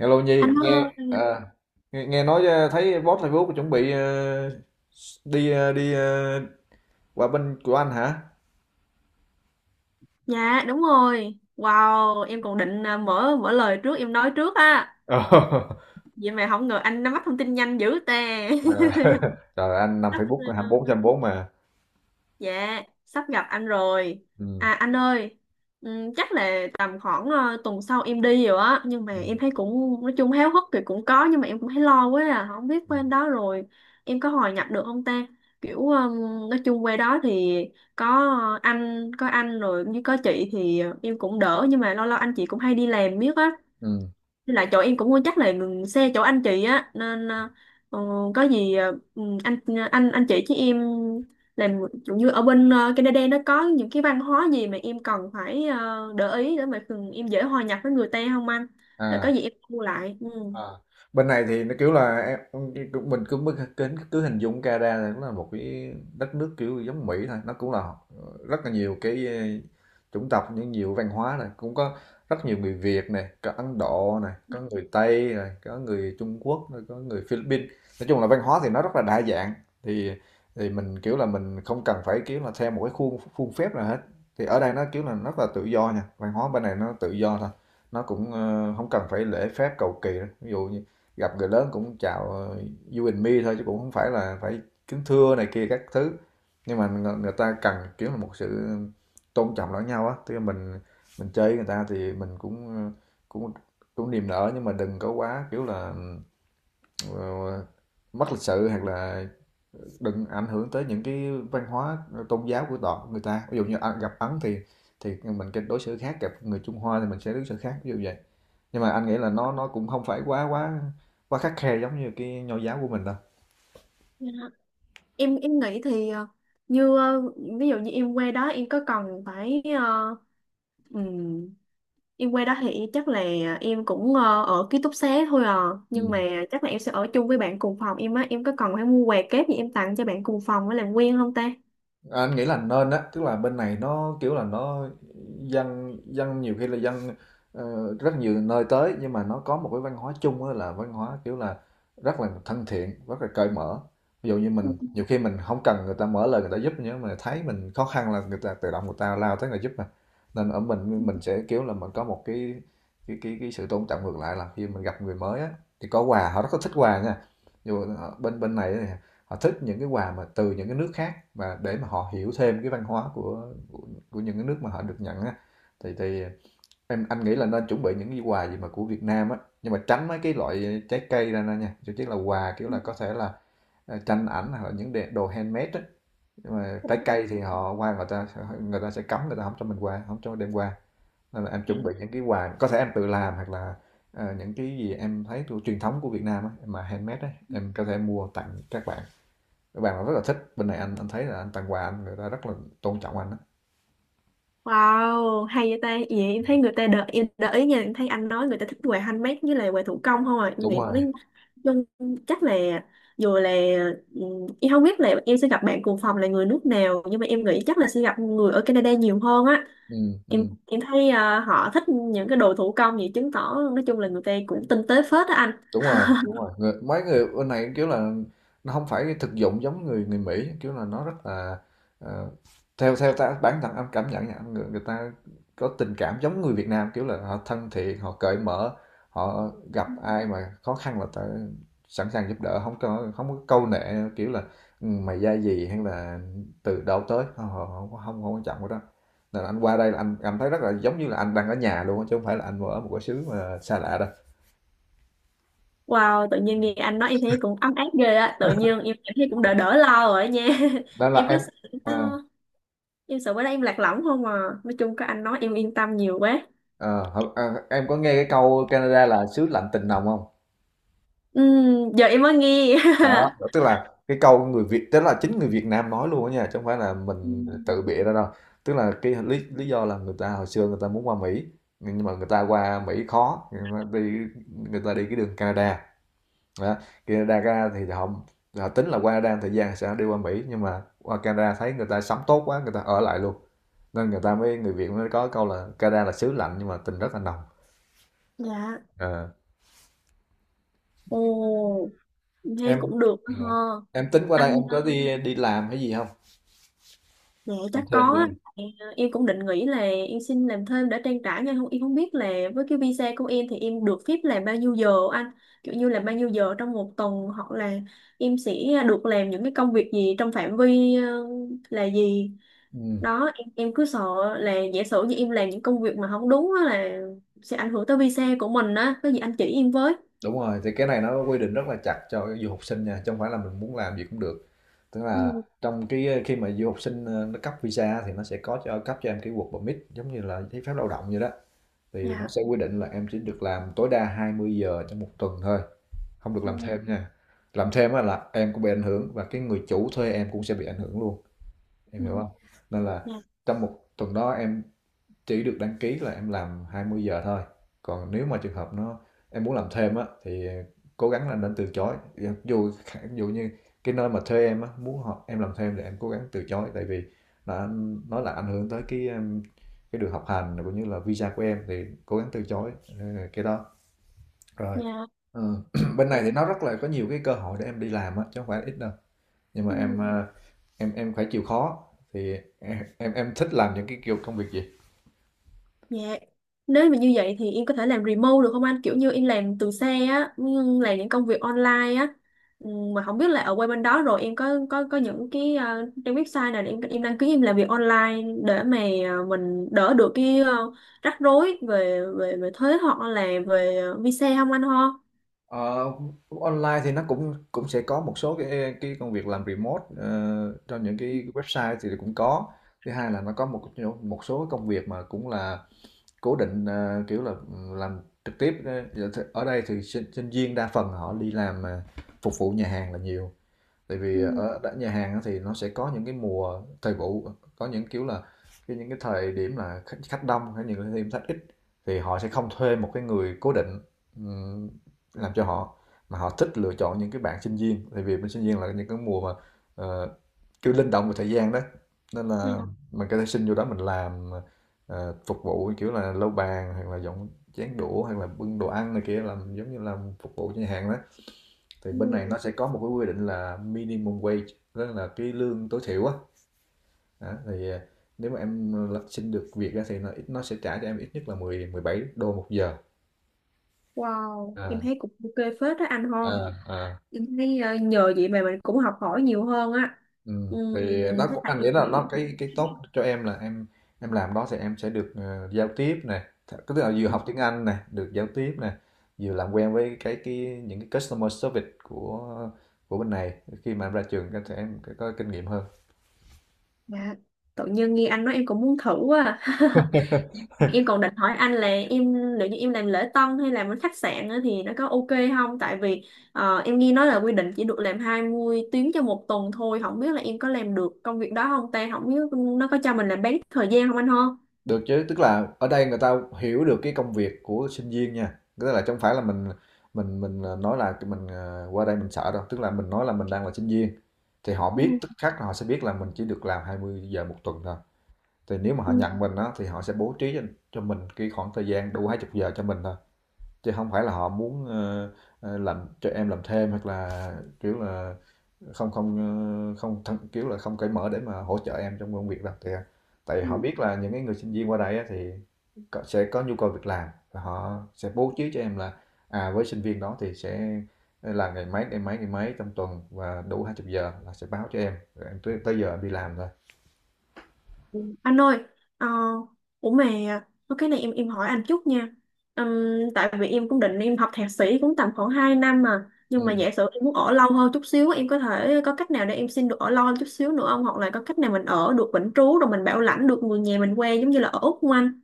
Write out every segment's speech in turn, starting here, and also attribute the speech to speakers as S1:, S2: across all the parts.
S1: Hello Nhi,
S2: Anh
S1: nghe
S2: ơi,
S1: à, nghe nói thấy boss Facebook chuẩn bị đi qua bên của anh hả?
S2: dạ đúng rồi. Wow, em còn định mở mở lời trước em nói trước á.
S1: Ờ.
S2: Vậy mà không ngờ anh nắm bắt thông tin nhanh dữ tè.
S1: À, Trời anh nằm Facebook hai mươi bốn trên hai mươi bốn mà.
S2: Dạ, sắp gặp anh rồi.
S1: Ừ.
S2: À anh ơi, chắc là tầm khoảng tuần sau em đi rồi á, nhưng mà
S1: Ừ.
S2: em thấy cũng nói chung háo hức thì cũng có nhưng mà em cũng thấy lo quá à, không biết bên đó rồi em có hòa nhập được không ta? Kiểu nói chung quê đó thì có có anh rồi như có chị thì em cũng đỡ nhưng mà lâu lâu anh chị cũng hay đi làm biết á.
S1: Ừ.
S2: Với lại chỗ em cũng chắc là ngừng xe chỗ anh chị á nên ờ, có gì anh anh chị với em làm kiểu như ở bên Canada nó có những cái văn hóa gì mà em cần phải để ý để mà thường em dễ hòa nhập với người ta không anh? Để
S1: À.
S2: có gì em mua lại. Ừ.
S1: À, bên này thì nó kiểu là mình cứ cứ cứ hình dung Canada là nó là một cái đất nước kiểu giống Mỹ thôi, nó cũng là rất là nhiều cái chủng tộc, những nhiều văn hóa này cũng có, rất nhiều người Việt này, có Ấn Độ này, có người Tây này, có người Trung Quốc, rồi có người Philippines. Nói chung là văn hóa thì nó rất là đa dạng. Thì thì mình kiểu là mình không cần phải kiểu là theo một cái khuôn khuôn phép nào hết. Thì ở đây nó kiểu là rất là tự do nha, văn hóa bên này nó tự do thôi. Nó cũng, hổng cần phải lễ phép cầu kỳ đâu. Ví dụ như gặp người lớn cũng chào, "You and me" thôi, chứ cũng không phải là phải kính thưa này kia các thứ. Nhưng mà người người ta cần, kiểu là, một sự tôn trọng lẫn nhau á, tức là mình chơi người ta thì mình cũng, ờ, cũng cũng niềm nở, nhưng mà đừng có quá, kiểu là, ờ, mất lịch sự, hoặc là đừng ảnh hưởng tới những cái văn hóa, tôn giáo của người ta. Ví dụ như, à, gặp Ấn thì mình cách đối xử khác, gặp người Trung Hoa thì mình sẽ đối xử khác, ví dụ vậy. Nhưng mà anh nghĩ là nó cũng không phải quá quá quá khắt khe giống như cái nho giáo của mình đâu.
S2: Dạ. Em nghĩ thì như ví dụ như em qua đó em có cần phải ừ, em qua đó thì chắc là em cũng ở ký túc xá thôi à.
S1: Ừ.
S2: Nhưng mà chắc là em sẽ ở chung với bạn cùng phòng em á. Em có cần phải mua quà kép gì em tặng cho bạn cùng phòng để làm quen không ta?
S1: À, anh nghĩ là nên á, tức là bên này nó kiểu là nó dân dân nhiều khi là dân rất nhiều nơi tới, nhưng mà nó có một cái văn hóa chung á, là văn hóa kiểu là rất là thân thiện, rất là cởi mở. Ví dụ như
S2: Ừ,
S1: mình nhiều khi mình không cần người ta mở lời người ta giúp, nhưng mà thấy mình khó khăn là người ta tự động người ta lao tới người giúp mà. Nên ở
S2: ừ,
S1: mình sẽ kiểu là mình có một cái sự tôn trọng ngược lại, là khi mình gặp người mới á thì có quà họ rất là thích quà nha, dù ở bên bên này họ thích những cái quà mà từ những cái nước khác, và để mà họ hiểu thêm cái văn hóa của những cái nước mà họ được nhận á. Thì anh nghĩ là nên chuẩn bị những cái quà gì mà của Việt Nam á, nhưng mà tránh mấy cái loại trái cây ra nè nha. Chứ chắc là quà kiểu là có thể là, à, tranh ảnh, hoặc là những đồ handmade á. Nhưng mà
S2: ừ,
S1: trái
S2: ừ.
S1: cây thì họ qua, người ta sẽ cấm, người ta không cho mình qua, không cho đem qua. Nên là em
S2: ừ.
S1: chuẩn bị những cái quà có thể em tự làm, hoặc là những cái gì em thấy thuộc truyền thống của Việt Nam á mà handmade á, em có thể mua tặng các bạn. Các bạn rất là thích. Bên này anh thấy là anh tặng quà anh, người ta rất là tôn trọng anh á.
S2: Wow, hay vậy ta. Vậy em thấy người ta đợi em đợi ý nha, em thấy anh nói người ta thích quà handmade với lại quà thủ công không à. Em
S1: Đúng
S2: nghĩ
S1: rồi,
S2: mới nhưng chắc là dù là em không biết là em sẽ gặp bạn cùng phòng là người nước nào nhưng mà em nghĩ chắc là sẽ gặp người ở Canada nhiều hơn á. em
S1: ừm.
S2: em thấy à, họ thích những cái đồ thủ công vậy chứng tỏ nói chung là người ta cũng tinh tế phết á anh.
S1: Đúng rồi, đúng rồi, mấy người bên này kiểu là nó không phải thực dụng giống người người Mỹ, kiểu là nó rất là ờ, theo theo ta bản thân anh cảm nhận nha, người ta có tình cảm giống người Việt Nam, kiểu là họ thân thiện, họ cởi mở. Họ gặp ai mà khó khăn là ta sẵn sàng giúp đỡ, không có câu nệ kiểu là, "Ừ, mày ra gì hay là từ đâu tới không," không không, quan trọng cái đó. Nên anh qua đây là anh cảm thấy rất là giống như là anh đang ở nhà luôn á, chứ không phải là anh ở một cái xứ mà xa lạ đâu.
S2: Wow, tự nhiên nghe anh nói em thấy cũng ấm áp ghê á, tự nhiên em cảm thấy cũng đỡ đỡ lo rồi á nha.
S1: Đó là
S2: Em cứ
S1: em,
S2: sợ,
S1: à.
S2: à, em sợ bữa nay em lạc lõng không à, nói chung có anh nói em yên tâm nhiều quá.
S1: Ờ, hổng à, em có nghe cái câu Canada là xứ lạnh tình nồng không?
S2: Giờ em mới nghe.
S1: Đó, tức là cái câu người Việt, tức là chính người Việt Nam nói luôn á nha, chứ không phải là mình tự
S2: Ừm,
S1: bịa ra đâu. Tức là cái lý lý do là người ta hồi xưa người ta muốn qua Mỹ, nhưng mà người ta qua Mỹ khó, ta đi người ta đi cái đường Canada. Đó, Canada ra thì họ họ tính là qua Canada một thời gian sẽ đi qua Mỹ, nhưng mà qua Canada thấy người ta sống tốt quá, người ta ở lại luôn. Nên người Việt mới có câu là Canada là xứ lạnh nhưng mà tình rất là nồng.
S2: dạ,
S1: Ờ.
S2: ồ em thấy
S1: em
S2: cũng được đó
S1: Ừ.
S2: ha
S1: Em tính qua đây
S2: anh.
S1: em có đi đi làm hay gì không,
S2: Dạ
S1: làm
S2: chắc
S1: thêm
S2: có
S1: gì
S2: á.
S1: không?
S2: Tại, em cũng định nghĩ là em xin làm thêm để trang trải nhưng không em không biết là với cái visa của em thì em được phép làm bao nhiêu giờ anh, kiểu như là bao nhiêu giờ trong một tuần hoặc là em sẽ được làm những cái công việc gì trong phạm vi là gì
S1: Ừ.
S2: đó. Em cứ sợ là giả sử như em làm những công việc mà không đúng á là sẽ ảnh hưởng tới visa của mình á, có gì anh chỉ em với.
S1: Đúng rồi, thì cái này nó quy định rất là chặt cho du học sinh nha, chứ không phải là mình muốn làm gì cũng được. Tức là
S2: Ừ.
S1: trong cái khi mà du học sinh nó cấp visa thì nó sẽ có cấp cho em cái work permit giống như là giấy phép lao động vậy đó. Thì nó
S2: Dạ.
S1: sẽ quy định là em chỉ được làm tối đa 20 giờ trong một tuần thôi, không được làm
S2: Ừ.
S1: thêm nha. Làm thêm á là em cũng bị ảnh hưởng, và cái người chủ thuê em cũng sẽ bị ảnh hưởng luôn, em
S2: dạ
S1: hiểu không? Nên là
S2: dạ.
S1: trong một tuần đó em chỉ được đăng ký là em làm 20 giờ thôi. Còn nếu mà trường hợp nó em muốn làm thêm á, thì cố gắng là nên từ chối. Dù dù như cái nơi mà thuê em á muốn em làm thêm, thì em cố gắng từ chối, tại vì là nó là ảnh hưởng tới cái đường học hành, cũng như là visa của em, thì cố gắng từ chối. ờ, cái đó rồi. Ừ. Bên này
S2: Dạ.
S1: thì nó rất là có nhiều cái cơ hội để em đi làm á, chứ không phải ít đâu, nhưng mà em
S2: Ừ.
S1: ờ, em em phải chịu khó. Thì em thích làm những cái kiểu công việc gì?
S2: Dạ. Nếu mà như vậy thì em có thể làm remote được không anh? Kiểu như em làm từ xa á, nhưng làm những công việc online á. Ừ, mà không biết là ở qua bên đó rồi em có có những cái trang website nào để em đăng ký em làm việc online để mà mình đỡ được cái rắc rối về về về thuế hoặc là về visa không anh ho?
S1: Ờ, online thì nó cũng cũng sẽ có một số cái công việc làm remote cho những cái website thì cũng có. Thứ hai là nó có một một số công việc mà cũng là cố định, kiểu là làm trực tiếp. Ờ, ở đây thì sinh viên đa phần họ đi làm phục vụ nhà hàng là nhiều, tại vì
S2: Ừ,
S1: ở nhà hàng thì nó sẽ có những cái mùa thời vụ, có những kiểu là những cái thời điểm là khách khách đông hay những cái thời điểm khách ít, thì họ sẽ không thuê một cái người cố định, ừm, làm cho họ, mà họ thích lựa chọn những cái bạn sinh viên, tại vì bên sinh viên là những cái mùa mà, ờ, kiểu linh động về thời gian đó. Nên
S2: vậy
S1: là
S2: là-
S1: mình có thể xin vô đó mình làm, phục vụ kiểu là lau bàn hoặc là dọn chén đũa hoặc là bưng đồ ăn này kia, làm giống như làm phục vụ cho nhà hàng đó. Thì
S2: Ừ.
S1: bên này nó sẽ có một cái quy định là minimum wage, tức là cái lương tối thiểu á, thì nếu mà xin được việc á, thì nó ít, nó sẽ trả cho em ít nhất là mười 17 đô một giờ.
S2: Wow, em
S1: À,
S2: thấy cũng ok phết đó anh ho.
S1: à, à.
S2: Em thấy nhờ vậy mà mình cũng học hỏi nhiều hơn á.
S1: Ừ.
S2: Ừ,
S1: Thì nó
S2: với
S1: cũng,
S2: lại
S1: anh
S2: em
S1: nghĩ là
S2: nghĩ.
S1: nó cái tốt cho em, là em làm đó thì em sẽ được giao tiếp nè. Tức là vừa học tiếng Anh nè, được giao tiếp nè, vừa làm quen với cái những cái customer service của bên này. Khi mà em ra trường sẽ có kinh nghiệm hơn.
S2: Dạ. Tự nhiên nghe anh nói em cũng muốn thử quá à. Em còn định hỏi anh là em, nếu như em làm lễ tân hay làm ở khách sạn á thì nó có ok không? Tại vì em nghe nói là quy định chỉ được làm 20 tiếng cho một tuần thôi. Không biết là em có làm được công việc đó không ta? Không biết nó có cho mình làm bán thời gian không anh ho?
S1: Được chứ, tức là ở đây người ta hiểu được cái công việc của sinh viên nha. Tức là chứ không phải là mình, nói là mình qua đây mình sợ đâu, tức là mình nói là mình đang là sinh viên, thì họ biết tức khắc là họ sẽ biết là mình chỉ được làm 20 giờ một tuần thôi. Thì nếu mà họ
S2: Ừ.
S1: nhận mình á thì họ sẽ bố trí cho mình cái khoảng thời gian đủ 20 giờ cho mình thôi chứ không phải là họ muốn làm cho em làm thêm hoặc là kiểu là không không không thân, kiểu là không cởi mở để mà hỗ trợ em trong công việc đâu. Thì tại vì họ biết là những cái người sinh viên qua đây á, thì sẽ có nhu cầu việc làm và họ sẽ bố trí cho em là à với sinh viên đó thì sẽ là ngày mấy trong tuần và đủ 20 giờ là sẽ báo cho em rồi em tới giờ em đi làm thôi.
S2: Anh ơi, ờ, ủa mà có cái này em hỏi anh chút nha. Ừm, tại vì em cũng định em học thạc sĩ cũng tầm khoảng 2 năm mà,
S1: Ừ.
S2: nhưng mà giả sử em muốn ở lâu hơn chút xíu, em có thể có cách nào để em xin được ở lâu hơn chút xíu nữa không? Hoặc là có cách nào mình ở được vĩnh trú rồi mình bảo lãnh được người nhà mình qua giống như là ở Úc không anh?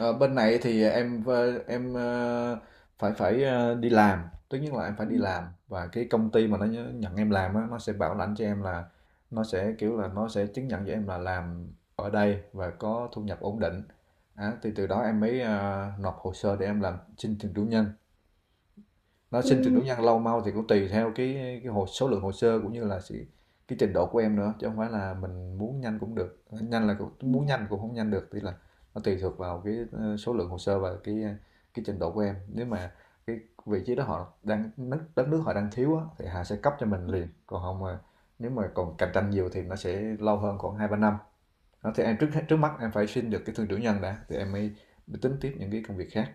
S1: Ờ, bên này thì em ờ, phải phải ờ, đi làm, tất nhiên là em phải đi làm và cái công ty mà nhận em làm á, nó sẽ bảo lãnh cho em là nó sẽ kiểu là nó sẽ chứng nhận cho em là làm ở đây và có thu nhập ổn định. Á, thì từ đó em mới nộp hồ sơ để em làm xin thường trú nhân. Nó xin trường trú
S2: Ừ.
S1: nhân lâu mau thì cũng tùy theo cái hồ số lượng hồ sơ cũng như là sự cái trình độ của em nữa, chứ không phải là mình muốn nhanh cũng được nhanh là cũng muốn nhanh cũng không nhanh được. Tức là nó tùy thuộc vào cái số lượng hồ sơ và cái trình độ của em. Nếu mà cái vị trí đó họ đang đất đất nước họ đang thiếu á, thì họ sẽ cấp cho mình liền, còn không mà nếu mà còn cạnh tranh nhiều thì nó sẽ lâu hơn khoảng hai ba năm. Đó, thì em trước trước mắt em phải xin được cái thương trưởng nhân đã thì em mới tính tiếp những cái công việc khác.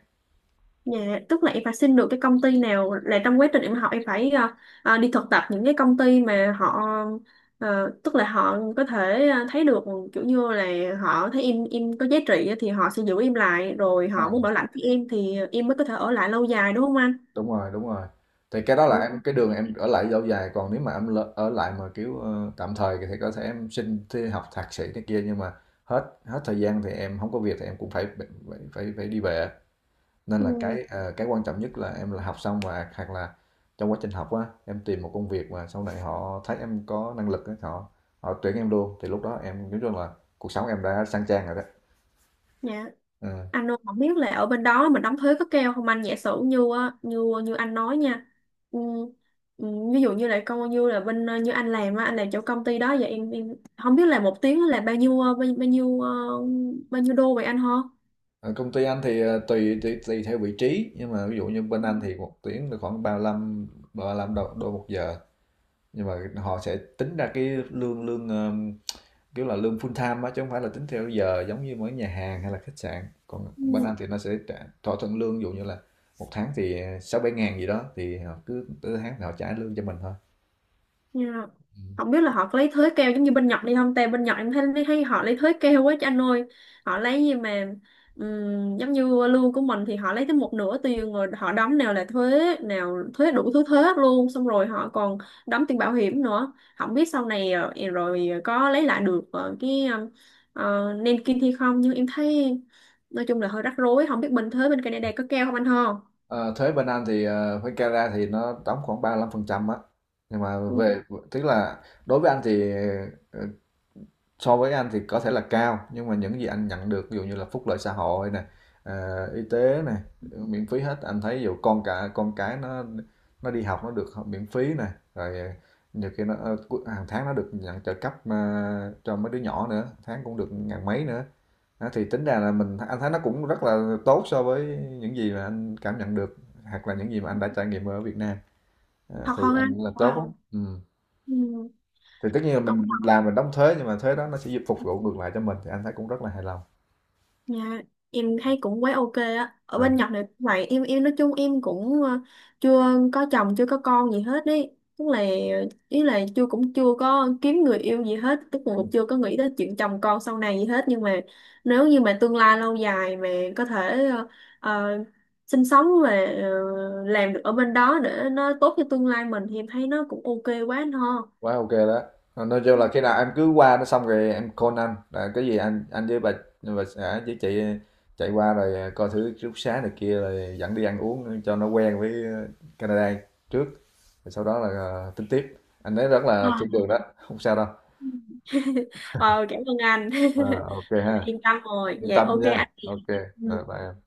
S2: Dạ, tức là em phải xin được cái công ty nào là trong quá trình em học em phải đi thực tập những cái công ty mà họ tức là họ có thể thấy được kiểu như là họ thấy em có giá trị á thì họ sẽ giữ em lại rồi họ muốn bảo lãnh với em thì em mới có thể ở lại lâu dài đúng không anh?
S1: Đúng rồi, đúng rồi, thì cái đó
S2: Ừ.
S1: là em cái đường em ở lại lâu dài. Còn nếu mà ở lại mà kiểu tạm thời thì có thể em xin thi học thạc sĩ này kia, nhưng mà hết hết thời gian thì em không có việc thì em cũng phải đi về. Nên là
S2: Ừ.
S1: cái quan trọng nhất là em là học xong, và hoặc là trong quá trình học á em tìm một công việc mà sau này họ thấy em có năng lực á, họ họ tuyển em luôn, thì lúc đó em nói chung là cuộc sống em đã sang trang rồi đó.
S2: Dạ.
S1: Ừ.
S2: Anh Nô không biết là ở bên đó mình đóng thuế có keo không anh, giả sử như á, như như anh nói nha. ừ, ừ, Ví dụ như là công như là bên như anh làm á, anh làm chỗ công ty đó vậy em không biết là một tiếng là bao nhiêu bao nhiêu bao nhiêu đô vậy anh ho?
S1: Ở công ty anh thì ờ, tùy, tùy tùy theo vị trí, nhưng mà ví dụ như bên anh thì một tiếng được khoảng ba lăm ba 35 đô một giờ, nhưng mà họ sẽ tính ra cái lương lương kiểu là lương full time á chứ không phải là tính theo giờ giống như mấy nhà hàng hay là khách sạn. Còn bên anh
S2: Ừ.
S1: thì nó sẽ trả, thỏa thuận lương ví dụ như là một tháng thì sáu bảy ngàn gì đó, thì họ cứ tới tháng thì họ trả lương cho mình thôi.
S2: Dạ.
S1: Ừ.
S2: Không biết là họ có lấy thới keo giống như bên Nhật đi không? Tại bên Nhật em thấy, thấy họ lấy thới keo quá chứ anh ơi. Họ lấy gì mà giống như lương của mình thì họ lấy tới một nửa tiền rồi họ đóng nào là thuế, nào thuế đủ thứ thuế hết luôn. Xong rồi họ còn đóng tiền bảo hiểm nữa. Không biết sau này rồi có lấy lại được cái nền kinh thì không. Nhưng em thấy nói chung là hơi rắc rối. Không biết bên thuế bên Canada có keo không anh ho?
S1: Ờ, thuế bên Anh thì với Canada thì nó đóng khoảng 35% á, nhưng mà
S2: Ừ.
S1: về tức là đối với anh thì ờ, so với anh thì có thể là cao, nhưng mà những gì anh nhận được ví dụ như là phúc lợi xã hội này, y tế này miễn phí hết. Anh thấy ví dụ con cái nó đi học nó được miễn phí này, rồi nhiều khi nó hàng tháng nó được nhận trợ cấp mà cho mấy đứa nhỏ nữa, tháng cũng được ngàn mấy nữa. Đó, thì tính ra là mình anh thấy nó cũng rất là tốt so với những gì mà anh cảm nhận được hoặc là những gì mà anh đã trải nghiệm ở Việt Nam. Đó,
S2: Thật
S1: thì
S2: không anh?
S1: anh là tốt.
S2: Wow.
S1: Ừ,
S2: Ừ.
S1: thì tất nhiên là mình làm mình đóng thuế, nhưng mà thuế đó nó sẽ giúp phục vụ ngược lại cho mình, thì anh thấy cũng rất là hài lòng.
S2: Dạ, em thấy cũng quá ok á. Ở
S1: À,
S2: bên Nhật này cũng vậy, em nói chung em cũng chưa có chồng, chưa có con gì hết đấy. Tức là ý là chưa cũng chưa có kiếm người yêu gì hết, tức là cũng chưa có nghĩ tới chuyện chồng con sau này gì hết nhưng mà nếu như mà tương lai lâu dài mà có thể ờ, ờ, sinh sống và làm được ở bên đó để nó tốt cho tương lai mình thì em thấy nó cũng ok quá anh ho.
S1: quá ok đó. Ờ, nói chung là khi nào em cứ qua nó xong rồi em call anh, là cái gì anh với bà xã với chị chạy qua rồi coi thử ký túc xá này kia rồi dẫn đi ăn uống cho nó quen với Canada trước, rồi sau đó là tính tiếp. Anh thấy rất là thiên
S2: À.
S1: đường đó, không sao đâu.
S2: Ờ, cảm ơn anh.
S1: Ờ, ok ha,
S2: Yên tâm rồi,
S1: yên
S2: dạ
S1: tâm
S2: ok
S1: nha.
S2: anh chị.
S1: Ok, rồi bye
S2: Ừ.
S1: em.